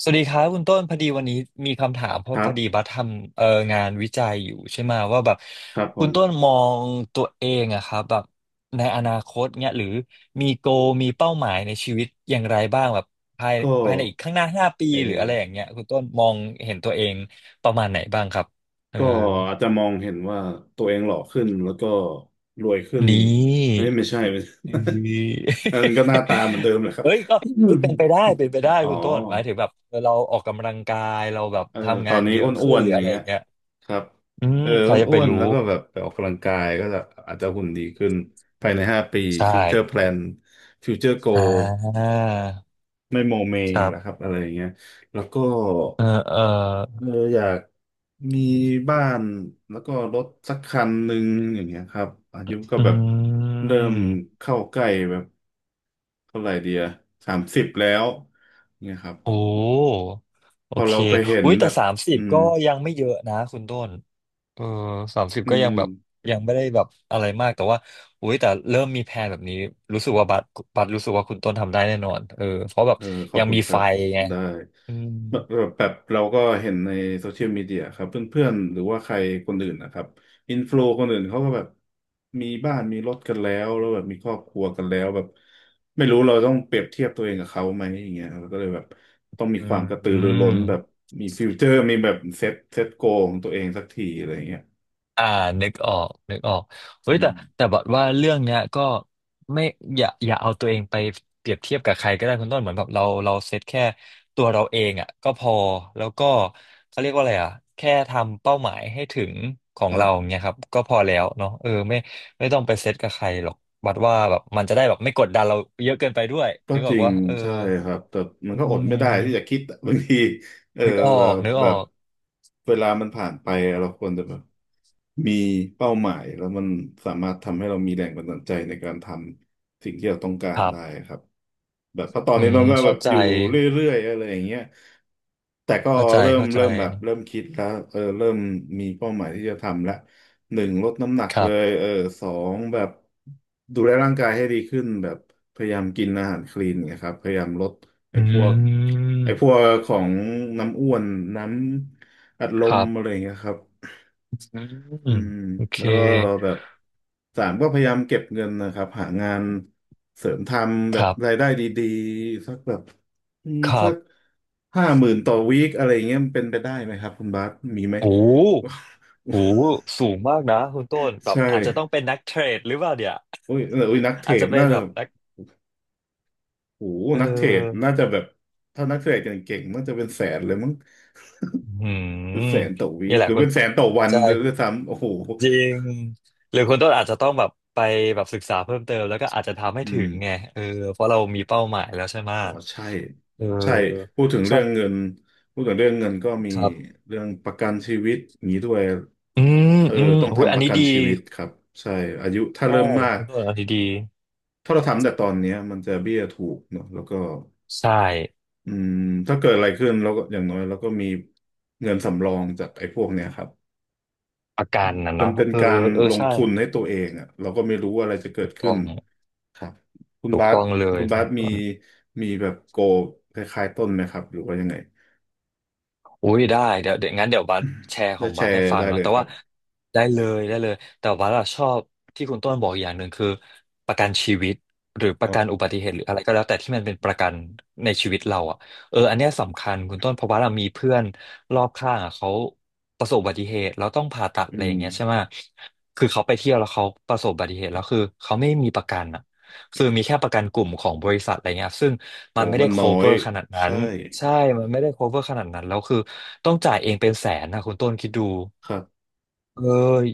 สวัสดีครับคุณต้นพอดีวันนี้มีคำถามเพคราะรัพอดีบับสทำงานวิจัยอยู่ใช่ไหมว่าแบบครับผคุณมต้นมองตัวเองอะครับแบบในอนาคตเนี่ยหรือมีโกมีเป้าหมายในชีวิตอย่างไรบ้างแบบภายก็ภายในอีกข้างหน้า5 ปีเอหรือออะไรอย่างเงี้ยคุณต้นมองเห็นตัวเองประมาณไหนบ้างครับเออก็อาจจะมองเห็นว่าตัวเองหล่อขึ้นแล้วก็รวยขึ้นนีเอ้่ ยไม่ใช่ ไม่ใช่ เอ้ย อันนั้นก็หน้าตาเหมือนเดิมแหละครับ เอ้ยก็เอ้ยเป็นไปได้เป็นไปได้ อ๋อคุณต้นหมายถึงแบบเออเราออกกำลังกายเราแบบเออทำตองานนนี้เยออะ้ขึ้วนนหรืๆออย่าอะงไรอเงี้ยย่างเงี้ย ครับอืมเออใครจะอ้ไปวนๆแล้รู้วก็แบบไปออกกำลังกายก็จะอาจจะหุ่นดีขึ้นภายใน5 ปีใช่ฟิวเจอร์แพลนฟิวเจอร์โกอ่าไม่โมเมครัแหละครับบอะไรอย่างเงี้ยแล้วก็ เออเออเอออยากมีบ้านแล้วก็รถสักคันหนึ่งอย่างเงี้ยครับอายุก็อืแบบเริ่มมเข้าใกล้แบบเท่าไหร่เดีย30แล้วเนี่ยครับโอ้โอพอเคเราไปเห็นอุ้ยแบแต่บสามสิอืบมก็ยังไม่เยอะนะคุณต้นเออสามสิบอืก็ยัม งแบบยังไม่ได้แบบอะไรมากแต่ว่าอุ้ยแต่เริ่มมีแพลนแบบนี้รู้สึกว่าบัตรรู้สึกว่าคุณต้นทำได้แน่นอนเออเพราะแบบเออขอยับงคุณมีครัไฟบไงได้อืมแบบแบบเราก็เห็นในโซเชียลมีเดียครับเพื่อนๆหรือว่าใครคนอื่นนะครับอินฟลูคนอื่นเขาก็แบบมีบ้านมีรถกันแล้วแล้วแบบมีครอบครัวกันแล้วแบบไม่รู้เราต้องเปรียบเทียบตัวเองกับเขาไหมอย่างเงี้ยเราก็เลยแบบต้องมีอืความกระตือรือร้นแบบม มีฟิวเจอร์มีแบบเซ็ตโกของตัวเองสักทีอะไรอย่างเงี้ยอ่านึกออกนึกออกเฮ้อืยมแต่แต่บอกว่าเรื่องเนี้ยก็ไม่อย่าอย่าเอาตัวเองไปเปรียบเทียบกับใครก็ได้คุณต้นเหมือนแบบเราเซตแค่ตัวเราเองอ่ะก็พอแล้วก็เขาเรียกว่าอะไรอ่ะแค่ทำเป้าหมายให้ถึงขอคงรัเราบเนี้ยครับก็พอแล้วเนาะเออไม่ไม่ต้องไปเซตกับใครหรอกบัดว่าแบบมันจะได้แบบไม่กดดันเราเยอะเกินไปด้วยก็นึกจออกริงว่าเออใช่ครับแต่มันอืก็อดไม่ได้ที่จะมคิดอะ บางที เออนึกอแบอกบนึกแบอบอกเวลามันผ่านไปเราควรจะแบบมีเป้าหมายแล้วมันสามารถทำให้เรามีแรงบันดาลใจในการทำสิ่งที่เราต้องกาครรัได้บครับแบบเพราะตอนอืนี้มน้องก็แบเข้าบใจอยู่เรื่อยๆอะไรอย่างเงี้ยแต่ก็เข้าใจเริ่มเข้าใจเริ่มแบบเริ่มคิดแล้วเออเริ่มมีเป้าหมายที่จะทำละหนึ่งลดน้ำหนักคเลรัยบ เออสองแบบดูแลร่างกายให้ดีขึ้นแบบพยายามกินอาหารคลีนเนะครับพยายามลดไอ้อืพวก ไอ้พวมกของน้ำอ้วนน้ำอัดลคมรัอะไรอบย่างเงี้ยครับอือืมมโอเคแล้วก็แบบสามก็พยายามเก็บเงินนะครับหางานเสริมทำแบคบรัรายบได้ดีๆสักแบบอืมคสัรักบ50,000ต่อวีคอะไรอย่างเงี้ยมันเป็นไปได้ไหมครับคุณบาสมีไหม โอ้โหโอ้โหสูงมากนะคุณต้น แบบใช่อาจจะต้องเป็นนักเทรดหรือเปล่าเดี๋ยว อุ้ยเอออุ้ยนักเท รอาจจะดเป็น่านแบจะบนักโหเนักเทรดออน่าจะแบบถ้านักเทรดเก่งๆน่าจะเป็นแสนเลยมั้งหืเป็นแสมนต่อวีนี่คแหหละรือคุณเป็นแสนต่อวันใช่ด้วยซ้ำโอ้โห จริงหรือคุณต้นอาจจะต้องแบบไปแบบศึกษาเพิ่มเติมแล้วก็อาจจะทำให้อืถึมงไงเออเพราะเรามีเป้าหมายแล้วใช่อไหม๋อใช่เอใช่อพูดถึงเรื่องใช่เงินพูดถึงเรื่องเงินก็มีครับเรื่องประกันชีวิตอย่างนี้ด้วยอืมเอออืมต้องโอ้ยทำปอันระนี้กันดีชีวิตครับใช่อายุถ้าใช่เริ่มมากคุณต้นอันนี้ดีถ้าเราทำแต่ตอนเนี้ยมันจะเบี้ยถูกเนอะแล้วก็ใช่ อืมถ้าเกิดอะไรขึ้นเราก็อย่างน้อยเราก็มีเงินสำรองจากไอ้พวกเนี้ยครับ อาการน่ะมันเนาะเป็นเออการเออลงใช่ทุนให้ตัวเองอ่ะเราก็ไม่รู้ว่าอะไรจะเกิถูดกขึ้ต้นองครับคุณถูกบาสต้องเลยคุณบาคุณสมีต้นมีแบบโกลคล้ายๆต้นไหมครับหรือว่ายังไงอุ้ยได้เดี๋ยวเดี๋ยวงั้นเดี๋ยวบัสแชร์ขจ้องแชบัสให้ร์ฟัได้งเลเนาะยแต่ครัว่าบได้เลยได้เลยแต่บัสอะชอบที่คุณต้นบอกอย่างหนึ่งคือประกันชีวิตหรือปคระรักันอุบบัติเหตุหรืออะไรก็แล้วแต่ที่มันเป็นประกันในชีวิตเราอะเอออันเนี้ยสำคัญคุณต้นเพราะว่าเรามีเพื่อนรอบข้างอะเขาประสบอุบัติเหตุแล้วต้องผ่าตัดอือะไรอย่ามงเงี้ยใช่ไหมคือเขาไปเที่ยวแล้วเขาประสบอุบัติเหตุแล้วคือเขาไม่มีประกันอะ คือมีแค่ประกันกลุ่มของบริษัทอะไรเงี้ยซึ่งโหมันไม่มัได้ นน้อย cover ขนาดนั้ใช่นใช่มันไม่ได้ cover ขนาดนั้นแล้วคือต้องจ่ายเองเป็นแสนนะคุณต้นคิดดูครับเออ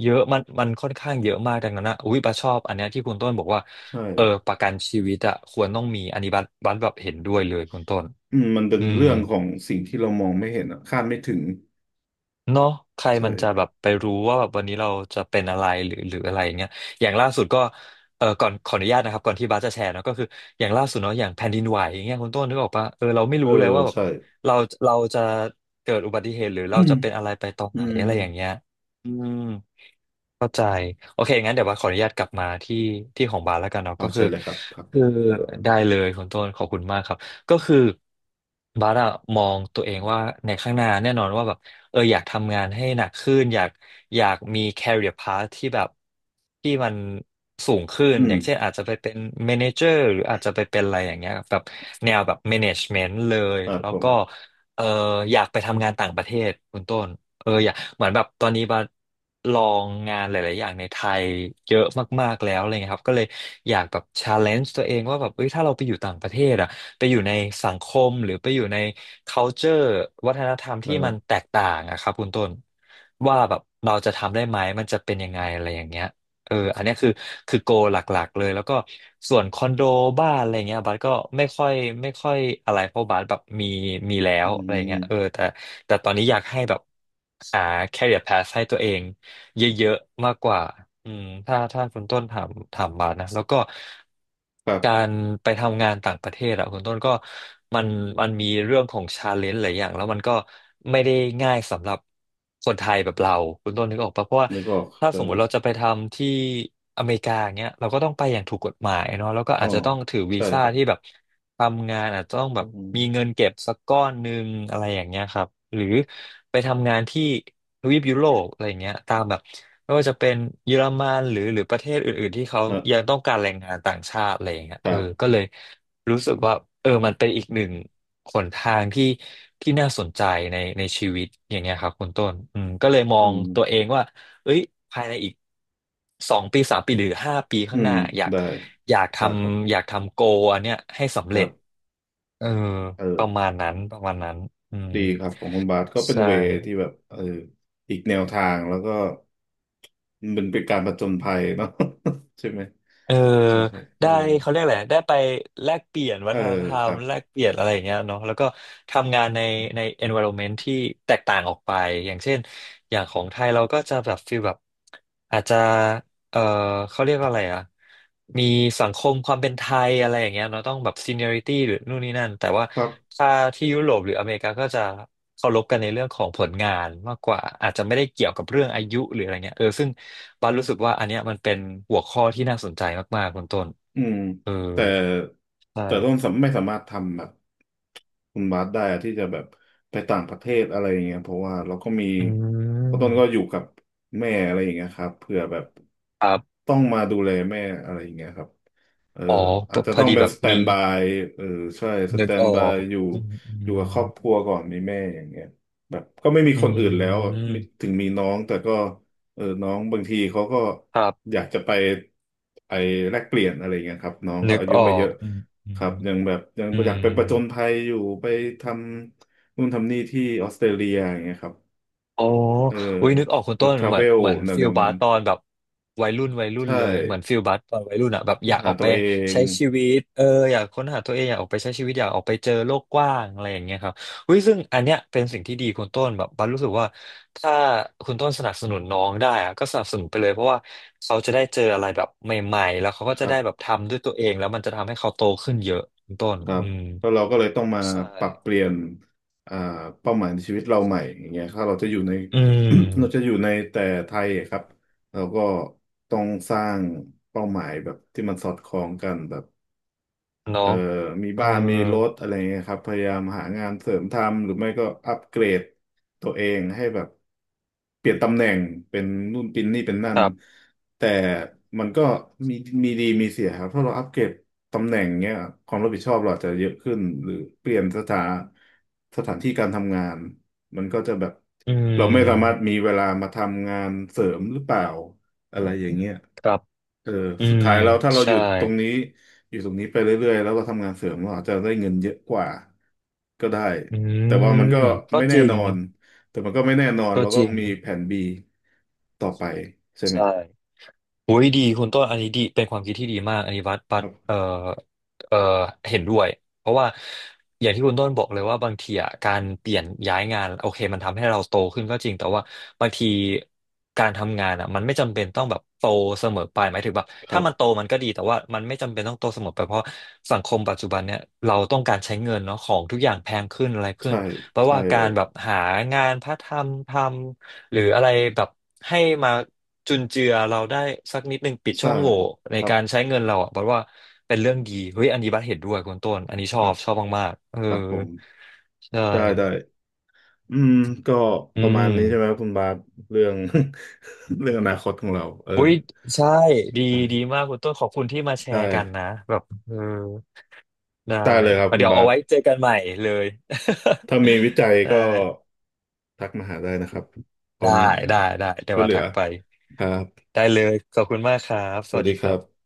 เยอะมันมันค่อนข้างเยอะมากดังนั้นนะอุ้ยบัสชอบอันเนี้ยที่คุณต้นบอกว่าใช่เออประกันชีวิตอะควรต้องมีอันนี้บัสบัสแบบเห็นด้วยเลยคุณต้นอืมมันเป็นอืม เรื่องของสิ่งที่เรามองไม่เห็นอ่ะคาดไม่ถึงเนาะใครใช่มันจะแบบไปรู้ว่าแบบวันนี้เราจะเป็นอะไรหรือหรืออะไรอย่างเงี้ยอย่างล่าสุดก็เออก่อนขออนุญาตนะครับก่อนที่บาสจะแชร์เนาะก็คืออย่างล่าสุดเนาะอย่างแผ่นดินไหวอย่างเงี้ยคุณต้นนึกออกปะเออเราไม่เออรู้เลยว่าแบบใช่เราเราจะเกิดอุบัติเหตุหรืออืเรามจะเป็นอะไรไปตอนอไหนอะไรมอย่างเงี้ยอืม เข้าใจโอเคงั้นเดี๋ยวว่าขออนุญาตกลับมาที่ที่ของบาสแล้วกันเนาะอ๋อก็คืใช่อเลยครับครับคือได้เลยคุณต้นขอบคุณมากครับก็คือบาสอะมองตัวเองว่าในข้างหน้าแน่นอนว่าแบบเอออยากทำงานให้หนักขึ้นอยากอยากมี career path ที่แบบที่มันสูงขึ้นอือมย่างเช่นอาจจะไปเป็น manager หรืออาจจะไปเป็นอะไรอย่างเงี้ยแบบแนวแบบ management เลยครับแล้ผวมก็เอออยากไปทำงานต่างประเทศคุณต้น เอออยากเหมือนแบบตอนนี้บาลองงานหลายๆอย่างในไทยเยอะมากๆแล้วอะไรเงี้ยครับก็เลยอยากแบบชาเลนจ์ตัวเองว่าแบบเอ้ยถ้าเราไปอยู่ต่างประเทศอะไปอยู่ในสังคมหรือไปอยู่ใน culture วัฒนธรรมคที่รัมันบแตกต่างอะครับคุณต้นว่าแบบเราจะทำได้ไหมมันจะเป็นยังไงอะไรอย่างเงี้ย เอออันเนี้ยคือคือโกหลักๆเลย แล้วก็ส่วนคอนโดบ้านอะไรเงี้ยบัสก็ไม่ค่อยไม่ค่อยอะไรเพราะบัสแบบมีแล้อืวอะไรเงี้ยเออมแต่ตอนนี้อยากให้แบบหา career path ให้ตัวเอง เยอะๆมากกว่าอืมถ้าคุณต้นถามบาทนะแล้วก็ครักาบรไปทำงานต่างประเทศอะคุณต้นก็มันมันมีเรื่องของชาเลนจ์หลายอย่างแล้วมันก็ไม่ได้ง่ายสำหรับคนไทยแบบเราคุณต้นนึกออกปะเพราะว่านึกออกถ้าใช่สมมุติเราจะไปทำที่อเมริกาอย่างเงี้ยเราก็ต้องไปอย่างถูกกฎหมายเนาะแล้วก็อ๋ออาจจะต้องถือวีใช่ซ่าครับ ที่แบบทำงานอาจจะต้องแบอืบมีเงิมนเก็บสักก้อนหนึ่งอะไรอย่างเงี้ยครับหรือไปทำงานที่ ทวีปยุโรปอะไรอย่างเงี้ยตามแบบไม่ว่าจะเป็นเยอรมันหรือประเทศอื่นๆที่เขานะยังต้องการแรงงานต่างชาติอะไรอย่างเงี้ยคเอรัอก็บเลยรู้สึกว่าเออมันเป็นอีกหนึ่งหนทางที่น่าสนใจในชีวิตอย่างเงี้ยครับคุณต้นอืมก็เลยมออืงมตัวเองว่าเอ้ยภายในอีก2 ปี3 ปีหรือ5 ปีอืข้างหมน้าได้อยากทได้ครับอยากทำโกอันเนี้ยให้สำคเร็รัจบเออประเออมาณนั้นประมาณนั้นอืมดีครับของคุณบาสก็เป็นใช่ เวย์ที่แบบเอออีกแนวทางแล้วก็มันเป็นการผจญภัยเนาะ ใช่ไหมเออผจญภัยเอได้อเขาเรียกอะไรได้ไปแลกเปลี่ยนวัเออฒนธรครรัมบ แลกเปลี่ยนอะไรอย่างเงี้ยเนาะแล้วก็ทำงานในenvironment ที่แตกต่างออกไปอย่างเช่นอย่างของไทยเราก็จะแบบฟีลแบบอาจจะ เอ่อเขาเรียกว่าอะไรอ่ะมีสังคมความเป็นไทยอะไรอย่างเงี้ยเราต้องแบบซีเนียริตี้หรือนู่นนี่นั่นแต่ว่าถ้าที่ยุโรปหรืออเมริกาก็จะเคารพกันในเรื่องของผลงานมากกว่าอาจจะไม่ได้เกี่ยวกับเรื่องอายุหรืออะไรเงี้ยเออซึ่งบันรู้สึกว่าอันเนี้ยมันเป็นหัวข้อที่น่าสนใจมากๆคุณต้นอืมเออแต่ใชแต่ต้น่สำไม่สามารถทำแบบคุณบาสได้อะที่จะแบบไปต่างประเทศอะไรอย่างเงี้ยเพราะว่าเราก็มีอืเพราะต้นก็อมยู่กับแม่อะไรอย่างเงี้ยครับเผื่อแบบครับต้องมาดูแลแม่อะไรอย่างเงี้ยครับเอออ๋อพอาจอจะพอต้องดีเป็นแบบสแตนมีบายเออใช่สนึแตกนออบายกอยู่อืมอือยู่กับคมรอบครัวก่อนมีแม่อย่างเงี้ยแบบก็ไม่มีอืคนอื่นแล้วมีมถึงมีน้องแต่ก็ เออน้องบางทีเขาก็ครัอบยากจะไปแลกเปลี่ยนอะไรเงี้ยครับน้องก็นึกอายุออไม่เยกอะอืมอืคม รับยังแบบยังอือยามกไปประจนภัยอยู่ไปทำนู่นทำนี่ที่ออสเตรเลียอย่างเงี้ยครับโอ้เออุ้ยนึกอออกคุณต้นทราเหมืเวอนลเหมือนฟิแนลวๆบานั้นสตอนแบบวัยรุ่นวัยรุ่นใช่เลยเหมือนฟิลบาสตอนวัยรุ่นอะแบบอค้นยากอหาอกตัไปวเองใช้ชีวิตเอออยากค้นหาตัวเองอยากออกไปใช้ชีวิตอยากออกไปเจอโลกกว้างอะไรอย่างเงี้ยครับอุ้ยซึ่งอันเนี้ยเป็นสิ่งที่ดีคุณต้นแบบบัสรู้สึกว่าถ้าคุณต้นสนับสนุนน้องได้อะก็สนับสนุนไปเลยเพราะว่าเขาจะได้เจออะไรแบบใหม่ๆแล้วเขาก็คจะรัได้แบบบ ทำด้วยตัวเองแล้วมันจะทำให้เขาโตขึ้นเยอะคุณต้น ครัอืบมแล้วเราก็เลยต้องมาใช่ปรับเปลี่ยนอ่าเป้าหมายในชีวิตเราใหม่อย่างเงี้ยถ้าเราจะอยู่ใน อื เราจะอมยู่ในแต่ไทยอะครับเราก็ต้องสร้างเป้าหมายแบบที่มันสอดคล้องกันแบบ เนาะเอ่อมีเออ บ้านมีรถอะไรเงี้ยครับพยายามหางานเสริมทำหรือไม่ก็อัปเกรดตัวเองให้แบบเปลี่ยนตำแหน่งเป็นนู่นเป็นนี่เป็นนั่คนรับ แต่มันก็มีมีดีมีเสียครับถ้าเราอัปเกรดตำแหน่งเงี้ยความรับผิดชอบเราอาจจะเยอะขึ้นหรือเปลี่ยนสถานที่การทำงานมันก็จะแบบอืเราไม่สามารถมมีเวลามาทำงานเสริมหรือเปล่า อะไรอย่างเงี้ยครับ เอออืสุดม ท้ายแล้วถ้าเราหใช่ ยุดตรงนี้อยู่ตรงนี้ไปเรื่อยๆแล้วเราทำงานเสริมเราอาจจะได้เงินเยอะกว่าก็ได้อืแต่ว่ามันม ก็ก็ไม่จแน่รินง อนแต่มันก็ไม่แน่นอนก็เราจก็ริต้อง งมีแผนบีต่อไปใช่ไหมใช่ โอ้ยดีคุณต้นอันนี้ดีเป็นความคิดที่ดีมากอันนี้วัดปัคดรับเอ่อเห็นด้วยเพราะว่าอย่างที่คุณต้นบอกเลยว่าบางทีอ่ะการเปลี่ยนย้ายงานโอเคมันทำให้เราโตขึ้นก็จริงแต่ว่าบางทีการทำงานอ่ะมันไม่จำเป็นต้องแบบโตเสมอไปหมายถึงแบบครัถ้ามันโตบมันก็ดีแต่ว่ามันไม่จำเป็นต้องโตเสมอไปเพราะสังคมปัจจุบันเนี่ยเราต้องการใช้เงินเนาะของทุกอย่างแพงขึ้นอะไรขึ้นใช่ เพราะใช่ว่าเลการยแบบหางานพาร์ทไทม์ทำหรืออะไรแบบให้มา จุนเจือเราได้สักนิดนึงปิดช่ใช่องโหว่ในครับการใช้เงินเราอ่ะบอกว่าเป็นเรื่องดีเฮ้ยอันนี้บัสเห็นด้วยคุณต้นอันนี้ชคอรับบชอบมากๆเออครับผมใช่ได้ได้อืมก็อืประมามณนี้ใช่ไหมครับคุณบาสเรื่อง เรื่องอนาคตของเราเอออุ้ยใช่ดีได้ดีมากคุณต้นขอบคุณที่มาแชไดร์กันนะ้แบบเออได้ได้เลยครับคุณเดี๋ยวบาเอาส ไว้เจอกันใหม่เลย ถ้ามีวิจั ยไก็ด้ทักมาหาได้นะครับผได้มได้ได้เดี๋ยช่ววยว่าเหลือทักไปครับได้เลยขอบคุณมากครับสสวัวัสสดีดีคครัรับบ